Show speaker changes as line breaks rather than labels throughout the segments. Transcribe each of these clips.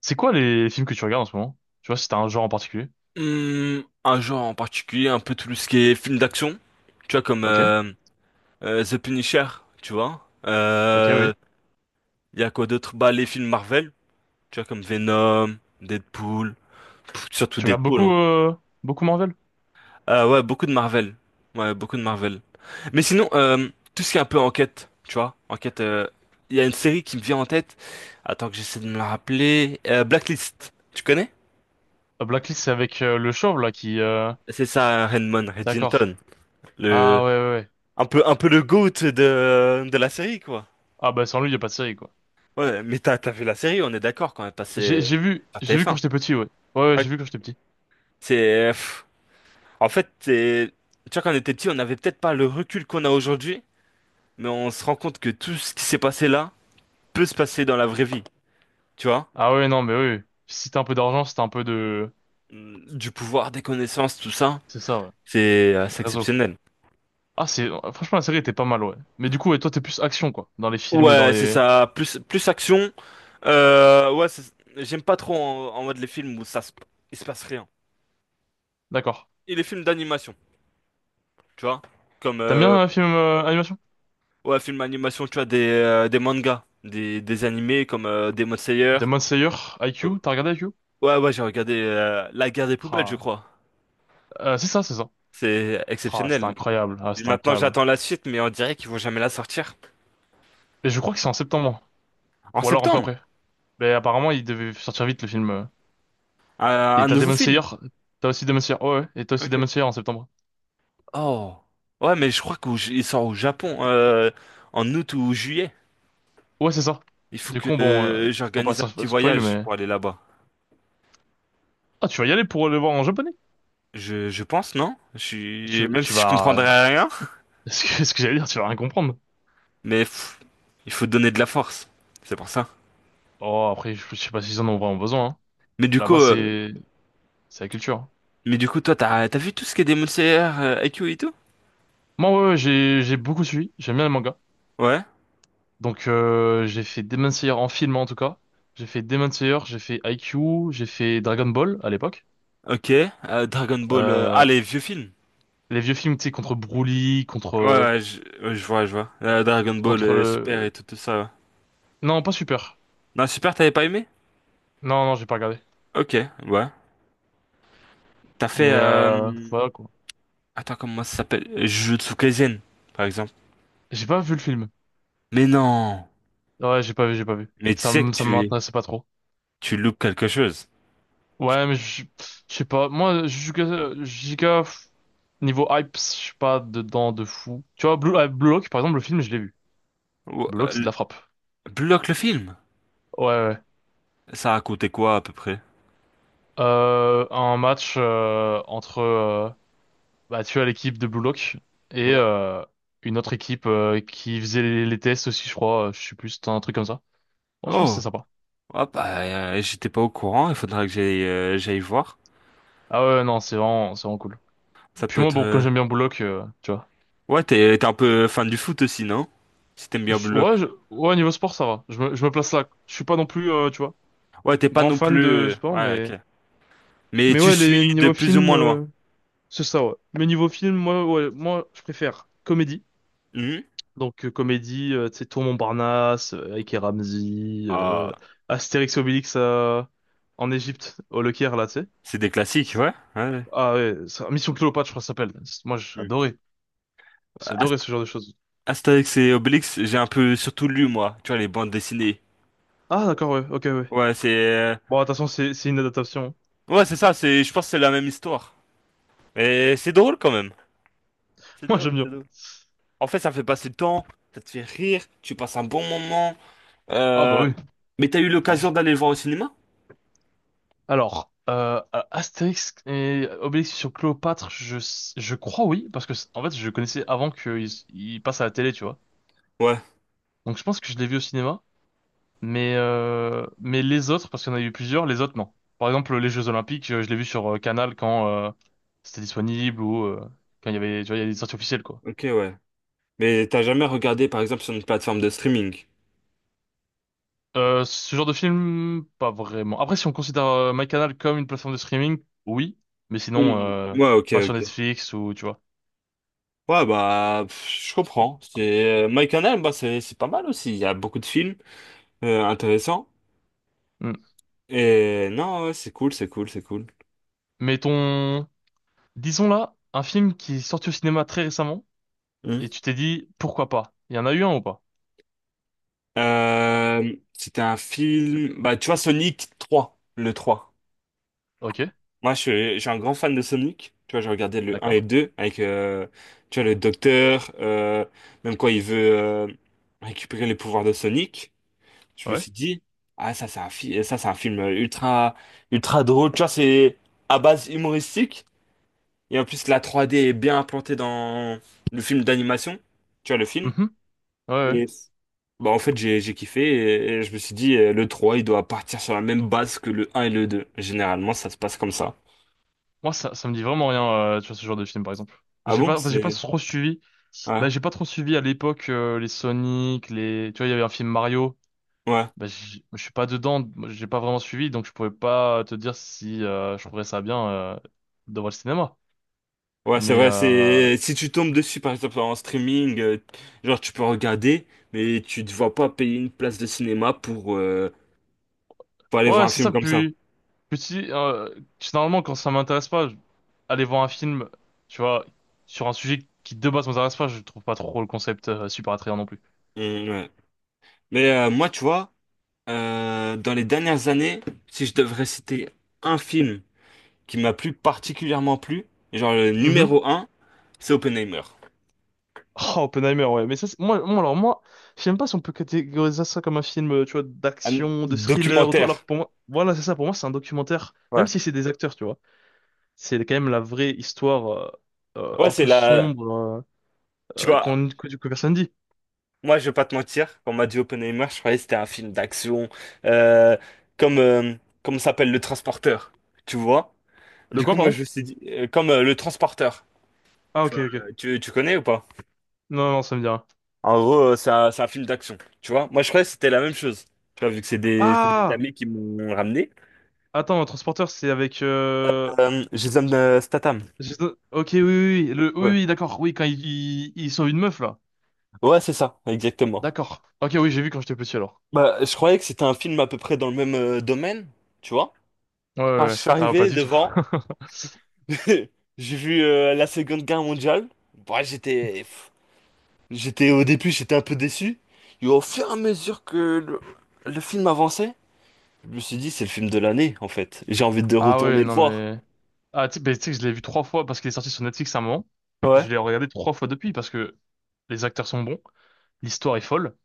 C'est quoi les films que tu regardes en ce moment? Tu vois, si t'as un genre en particulier.
Un genre en particulier, un peu tout ce qui est film d'action, tu vois, comme
Ok,
The Punisher, tu vois.
ok, oui.
Il y a quoi d'autre? Bah, les films Marvel, tu vois, comme Venom, Deadpool, surtout
Tu regardes
Deadpool.
beaucoup,
Hein.
beaucoup Marvel?
Ouais, beaucoup de Marvel. Ouais, beaucoup de Marvel. Mais sinon, tout ce qui est un peu enquête, tu vois, enquête. Il y a une série qui me vient en tête. Attends que j'essaie de me la rappeler. Blacklist, tu connais?
Blacklist, c'est avec le chauve, là, qui...
C'est ça, Redmond,
D'accord.
Reddington, le
Ah, ouais, ouais, ouais.
un peu, un peu le GOAT de la série, quoi.
Ah, bah, sans lui, y a pas de série, quoi.
Ouais, mais t'as vu la série, on est d'accord quand elle
J'ai,
passait
j'ai vu,
à
j'ai vu quand
TF1.
j'étais petit, ouais. Ouais, ouais,
Ouais.
j'ai vu quand j'étais petit.
C'est, en fait, c'est, tu vois, quand on était petit, on n'avait peut-être pas le recul qu'on a aujourd'hui, mais on se rend compte que tout ce qui s'est passé là peut se passer dans la vraie vie, tu vois?
Ah, ouais, non, mais oui. Oui. Si t'as un peu d'argent, si t'as un peu de...
Du pouvoir, des connaissances, tout ça,
C'est ça, ouais.
c'est
Le
assez
Réseau.
exceptionnel.
Ah, c'est... Franchement, la série était pas mal, ouais. Mais du coup, ouais, toi, t'es plus action, quoi. Dans les films ou dans
Ouais, c'est
les...
ça, plus, plus action. Ouais, j'aime pas trop en mode les films où il se passe rien.
D'accord.
Et les films d'animation. Tu vois. Comme
T'aimes bien un film animation?
ouais, film animation, tu vois, des mangas, des animés comme Demon Slayer.
Demon Slayer,
Euh,
IQ, t'as regardé IQ?
ouais, ouais, j'ai regardé La guerre des poubelles, je
Ah,
crois.
c'est ça, c'est ça.
C'est
Ah, c'était
exceptionnel.
incroyable. Ah,
Et
c'était
maintenant,
incroyable.
j'attends la suite, mais on dirait qu'ils vont jamais la sortir.
Et je crois que c'est en septembre.
En
Ou alors un peu
septembre,
après. Mais apparemment, il devait sortir vite le film.
un,
Et
un
t'as
nouveau
Demon Slayer.
film.
T'as aussi Demon Slayer. Ouais, ouais. Et t'as aussi
Ok.
Demon Slayer en septembre.
Oh. Ouais, mais je crois qu'il sort au Japon en août ou juillet.
Ouais, c'est ça.
Il faut
Du
que
coup, bon, faut pas
j'organise un petit
se- spoil,
voyage
mais.
pour aller là-bas.
Ah, tu vas y aller pour le voir en japonais.
Je pense, non?
Tu,
Même
tu
si je
vas.
comprendrais rien.
Ce que j'allais dire, tu vas rien comprendre.
Mais il faut donner de la force. C'est pour ça.
Oh, après, je sais pas s'ils en ont vraiment besoin. Hein.
Mais du coup,
Là-bas,
euh,
c'est. C'est la culture.
mais du coup, toi, t'as vu tout ce qui est Demon Slayer, IQ et tout?
Moi, ouais, ouais, j'ai beaucoup suivi. J'aime bien les mangas.
Ouais.
Donc j'ai fait Demon Slayer en film en tout cas. J'ai fait Demon Slayer, j'ai fait IQ, j'ai fait Dragon Ball à l'époque.
Ok. Dragon Ball. Ah,
Euh,
les vieux films.
les vieux films, tu sais, contre Broly,
Ouais,
contre
ouais, ouais, je vois, je vois. Dragon Ball,
contre
Super et
le
tout, tout ça. Ouais.
non pas Super.
Non, Super, t'avais pas aimé?
Non non j'ai pas regardé.
Ok, ouais. T'as fait.
Mais voilà quoi.
Attends, comment ça s'appelle? Jujutsu Kaisen, par exemple.
J'ai pas vu le film.
Mais non.
Ouais j'ai pas vu j'ai pas vu.
Mais tu sais que
Ça
tu
m'intéressait pas trop.
tu loupes quelque chose. Tu...
Ouais mais je sais pas. Moi Jujutsu Jujutsu, pff, niveau hype je suis pas dedans de fou. Tu vois Blue Lock par exemple le film je l'ai vu.
Ou-
Blue
euh,
Lock c'est de
l-
la frappe.
Bloque le film.
Ouais ouais.
Ça a coûté quoi à peu près?
Un match entre bah, tu as l'équipe de Blue Lock et
Ouais.
une autre équipe qui faisait les tests aussi, je crois. Je sais plus, c'était un truc comme ça. Bon, je pense que c'est
Oh.
sympa.
Ah bah, j'étais pas au courant, il faudra que j'aille voir.
Ah ouais, non, c'est vraiment cool.
Ça peut
Puis moi,
être.
bon, comme j'aime bien Blue Lock, tu vois.
Ouais, t'es un peu fan du foot aussi, non? Si t'aimes bien bloc.
Ouais, niveau sport, ça va. Je me place là. Je suis pas non plus, tu vois,
Ouais, t'es pas
grand
non
fan de
plus.
sport,
Ouais, ok.
mais,
Mais
mais
tu
ouais,
suis
les
de
niveaux
plus ou
films,
moins loin.
c'est ça, ouais. Mais niveau film, moi, ouais, moi, je préfère comédie.
Mhm.
Donc comédie, tu sais, Tour Montparnasse, avec et Ramzy,
Ah,
Astérix et Obélix en Égypte, au Le Caire, là, tu sais.
c'est des classiques, ouais, ouais, ouais.
Ah ouais, Mission Cléopâtre, je crois que ça s'appelle. Moi,
Mhm.
j'adorais. J'ai
Ast-
adoré ce genre de choses.
Astérix et Obélix, j'ai un peu surtout lu, moi. Tu vois, les bandes dessinées.
Ah d'accord, ouais, ok, ouais.
Ouais, c'est... euh,
Bon, attention, c'est une adaptation.
Ouais, c'est ça. Je pense que c'est la même histoire. Mais c'est drôle quand même. C'est
Moi, j'aime
drôle,
bien.
c'est drôle. En fait, ça fait passer le temps, ça te fait rire, tu passes un bon moment.
Ah bah
Euh,
oui,
mais t'as eu l'occasion
large.
d'aller le voir au cinéma?
Alors, Astérix et Obélix sur Cléopâtre, je crois oui, parce que en fait, je connaissais avant qu'ils ils passent à la télé, tu vois.
Ouais,
Donc je pense que je l'ai vu au cinéma. Mais les autres, parce qu'il y en a eu plusieurs, les autres, non. Par exemple, les Jeux Olympiques, je l'ai vu sur Canal quand c'était disponible ou quand il y avait, tu vois, il y a des sorties officielles, quoi.
ok, ouais. Mais t'as jamais regardé, par exemple, sur une plateforme de streaming?
Ce genre de film, pas vraiment. Après, si on considère MyCanal comme une plateforme de streaming, oui. Mais sinon,
Hmm. Ouais, ok,
pas sur
ok.
Netflix ou, tu vois.
Ouais, bah, je comprends. C'est My Canal, bah, c'est pas mal aussi. Il y a beaucoup de films intéressants.
Mm.
Et non, ouais, c'est cool, c'est cool, c'est cool.
Mais ton... Disons là, un film qui est sorti au cinéma très récemment
Hmm.
et tu t'es dit, pourquoi pas? Il y en a eu un ou pas?
C'était un film, bah, tu vois, Sonic 3, le 3.
Ok,
Moi, je suis un grand fan de Sonic. Tu vois, j'ai regardé le un et
d'accord.
le 2 avec, tu vois, le docteur, même quand il veut récupérer les pouvoirs de Sonic. Je me
Ouais.
suis dit, ah, ça, c'est un film ultra, ultra drôle. Tu vois, c'est à base humoristique. Et en plus, la trois d est bien implantée dans le film d'animation. Tu vois, le film.
Mhm. Ouais, ouais.
Et bah, en fait, j'ai kiffé. Et je me suis dit, le 3 il doit partir sur la même base que le un et le deux. Généralement, ça se passe comme ça.
Moi, ça me dit vraiment rien, tu vois, ce genre de film, par exemple.
Ah bon?
J'ai pas trop suivi.
Ouais.
Bah, j'ai pas trop suivi à l'époque les Sonic, les. Tu vois, il y avait un film Mario.
Ouais,
Je suis pas dedans, moi, j'ai pas vraiment suivi, donc je pouvais pas te dire si je trouverais ça bien de voir le cinéma.
ouais, c'est
Mais
vrai, c'est si tu tombes dessus par exemple en streaming, genre tu peux regarder, mais tu te vois pas payer une place de cinéma pour aller voir
ouais,
un
c'est
film
ça.
comme ça.
Puis si, généralement, quand ça m'intéresse pas, aller voir un film, tu vois, sur un sujet qui de base m'intéresse pas, je trouve pas trop le concept super attrayant non plus.
Mm, ouais. Mais moi, tu vois, dans les dernières années, si je devrais citer un film qui m'a plus particulièrement plu, genre le numéro un, c'est Oppenheimer.
Oh, Oppenheimer, ouais. Mais ça, alors moi, je sais même pas si on peut catégoriser ça comme un film, tu vois,
Un
d'action, de thriller ou tout. Alors que
documentaire.
pour moi, voilà, c'est ça. Pour moi, c'est un documentaire, même
Ouais.
si c'est des acteurs, tu vois. C'est quand même la vraie histoire
Ouais,
un
c'est
peu
la,
sombre
tu vois.
que personne dit.
Moi, je vais pas te mentir, quand on m'a dit Oppenheimer, je croyais que c'était un film d'action, euh, comme, euh, comme s'appelle Le Transporteur, tu vois?
Le
Du
quoi,
coup, moi, je
pardon?
me suis dit, comme Le Transporteur,
Ah,
tu
ok,
vois,
ok.
tu connais ou pas?
Non, non, ça me dit rien.
En gros, c'est un film d'action, tu vois? Moi, je croyais que c'était la même chose, tu vois, vu que c'est des
Ah!
amis qui m'ont ramené.
Attends, un transporteur, c'est avec.
Jason Statham.
Ok, oui, oui, oui, le... oui,
Ouais,
oui, d'accord. Oui, quand ils sauvent une meuf, là.
ouais, c'est ça, exactement.
D'accord. Ok, oui, j'ai vu quand j'étais petit, alors.
Bah, je croyais que c'était un film à peu près dans le même domaine, tu vois?
Ouais, ouais,
Quand je
ouais.
suis
Ah, pas
arrivé
du tout.
devant, j'ai vu la Seconde Guerre mondiale. Bah, j'étais au début, j'étais un peu déçu. Et au fur et à mesure que le film avançait, je me suis dit, c'est le film de l'année, en fait. J'ai envie de
Ah ouais,
retourner le
non
voir.
mais... Ah, tu sais, que je l'ai vu trois fois parce qu'il est sorti sur Netflix à un moment.
Ouais.
Je l'ai regardé trois fois depuis parce que les acteurs sont bons, l'histoire est folle,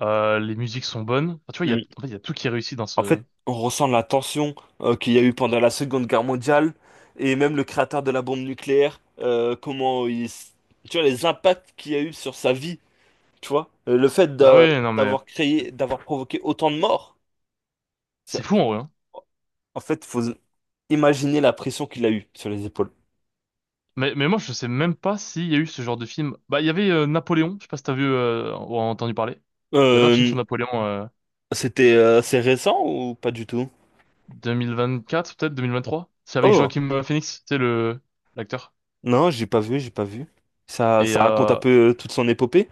les musiques sont bonnes. Enfin, tu vois,
Mm.
en fait, il y a tout qui est réussi dans
En
ce...
fait, on ressent la tension qu'il y a eu pendant la Seconde Guerre mondiale et même le créateur de la bombe nucléaire, comment il. Tu vois, les impacts qu'il y a eu sur sa vie, tu vois. Le fait
Bah ouais, non mais...
d'avoir créé, d'avoir provoqué autant de morts.
C'est fou en vrai. Hein.
En fait, faut imaginer la pression qu'il a eue sur les épaules.
Mais moi, je sais même pas s'il y a eu ce genre de film. Bah, il y avait Napoléon, je sais pas si t'as vu ou entendu parler. Il y avait un film sur
Euh,
Napoléon
C'était assez récent ou pas du tout?
2024, peut-être 2023. C'est avec
Oh,
Joaquin Phoenix, c'est le l'acteur.
non, j'ai pas vu, j'ai pas vu. Ça,
Et
ça raconte un
euh,
peu toute son épopée.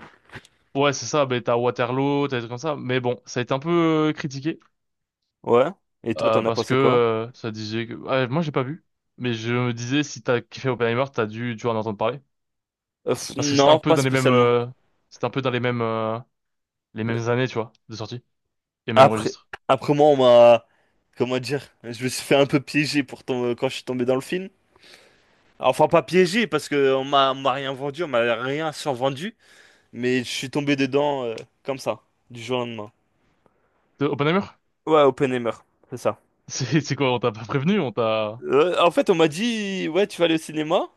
Ouais, c'est ça, ben, t'as Waterloo, t'as des trucs comme ça. Mais bon, ça a été un peu critiqué
Ouais. Et toi, t'en as
parce que
pensé quoi?
ça disait que... ouais, moi, j'ai pas vu. Mais je me disais, si t'as kiffé Oppenheimer, tu en entendre parler.
Euh, pff,
Parce que c'était
non,
un peu
pas
dans les mêmes...
spécialement.
c'était un peu dans les mêmes années, tu vois, de sortie. Les même
Après,
registre.
après, moi, on m'a, comment dire, je me suis fait un peu piéger quand je suis tombé dans le film. Enfin, pas piégé parce que on m'a rien vendu, on m'a rien survendu, mais je suis tombé dedans comme ça, du jour au lendemain.
De Oppenheimer?
Ouais, Oppenheimer, c'est ça.
C'est quoi, on t'a pas prévenu? On t'a...
En fait, on m'a dit, ouais, tu vas aller au cinéma.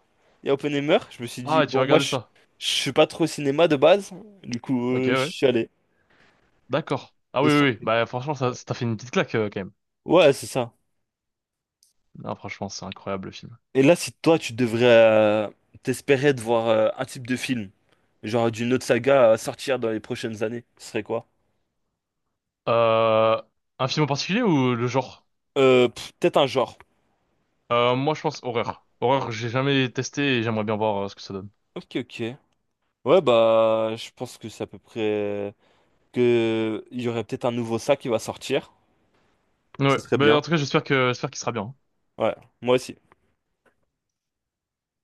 Il y a Oppenheimer. Je me suis dit,
Ah, tu vas
bon, moi,
regarder
je,
ça.
je suis pas trop au cinéma de base. Du coup,
Ok,
je
ouais.
suis allé.
D'accord. Ah
Et
oui, oui, oui.
surpris.
Bah franchement, ça
Ouais,
ça t'a fait une petite claque quand même.
ouais, c'est ça.
Non, franchement, c'est incroyable le film.
Et là, si toi, tu devrais t'espérer de voir un type de film, genre d'une autre saga à sortir dans les prochaines années, ce serait quoi?
Euh, un film en particulier ou le genre?
Peut-être un genre.
Moi, je pense horreur. Horreur, j'ai jamais testé et j'aimerais bien voir ce que ça donne.
Ok, ok. Ouais, bah, je pense que c'est à peu près que il y aurait peut-être un nouveau ça qui va sortir. Ce
Ouais,
serait
mais
bien.
en tout cas, j'espère qu'il sera bien.
Ouais, moi aussi.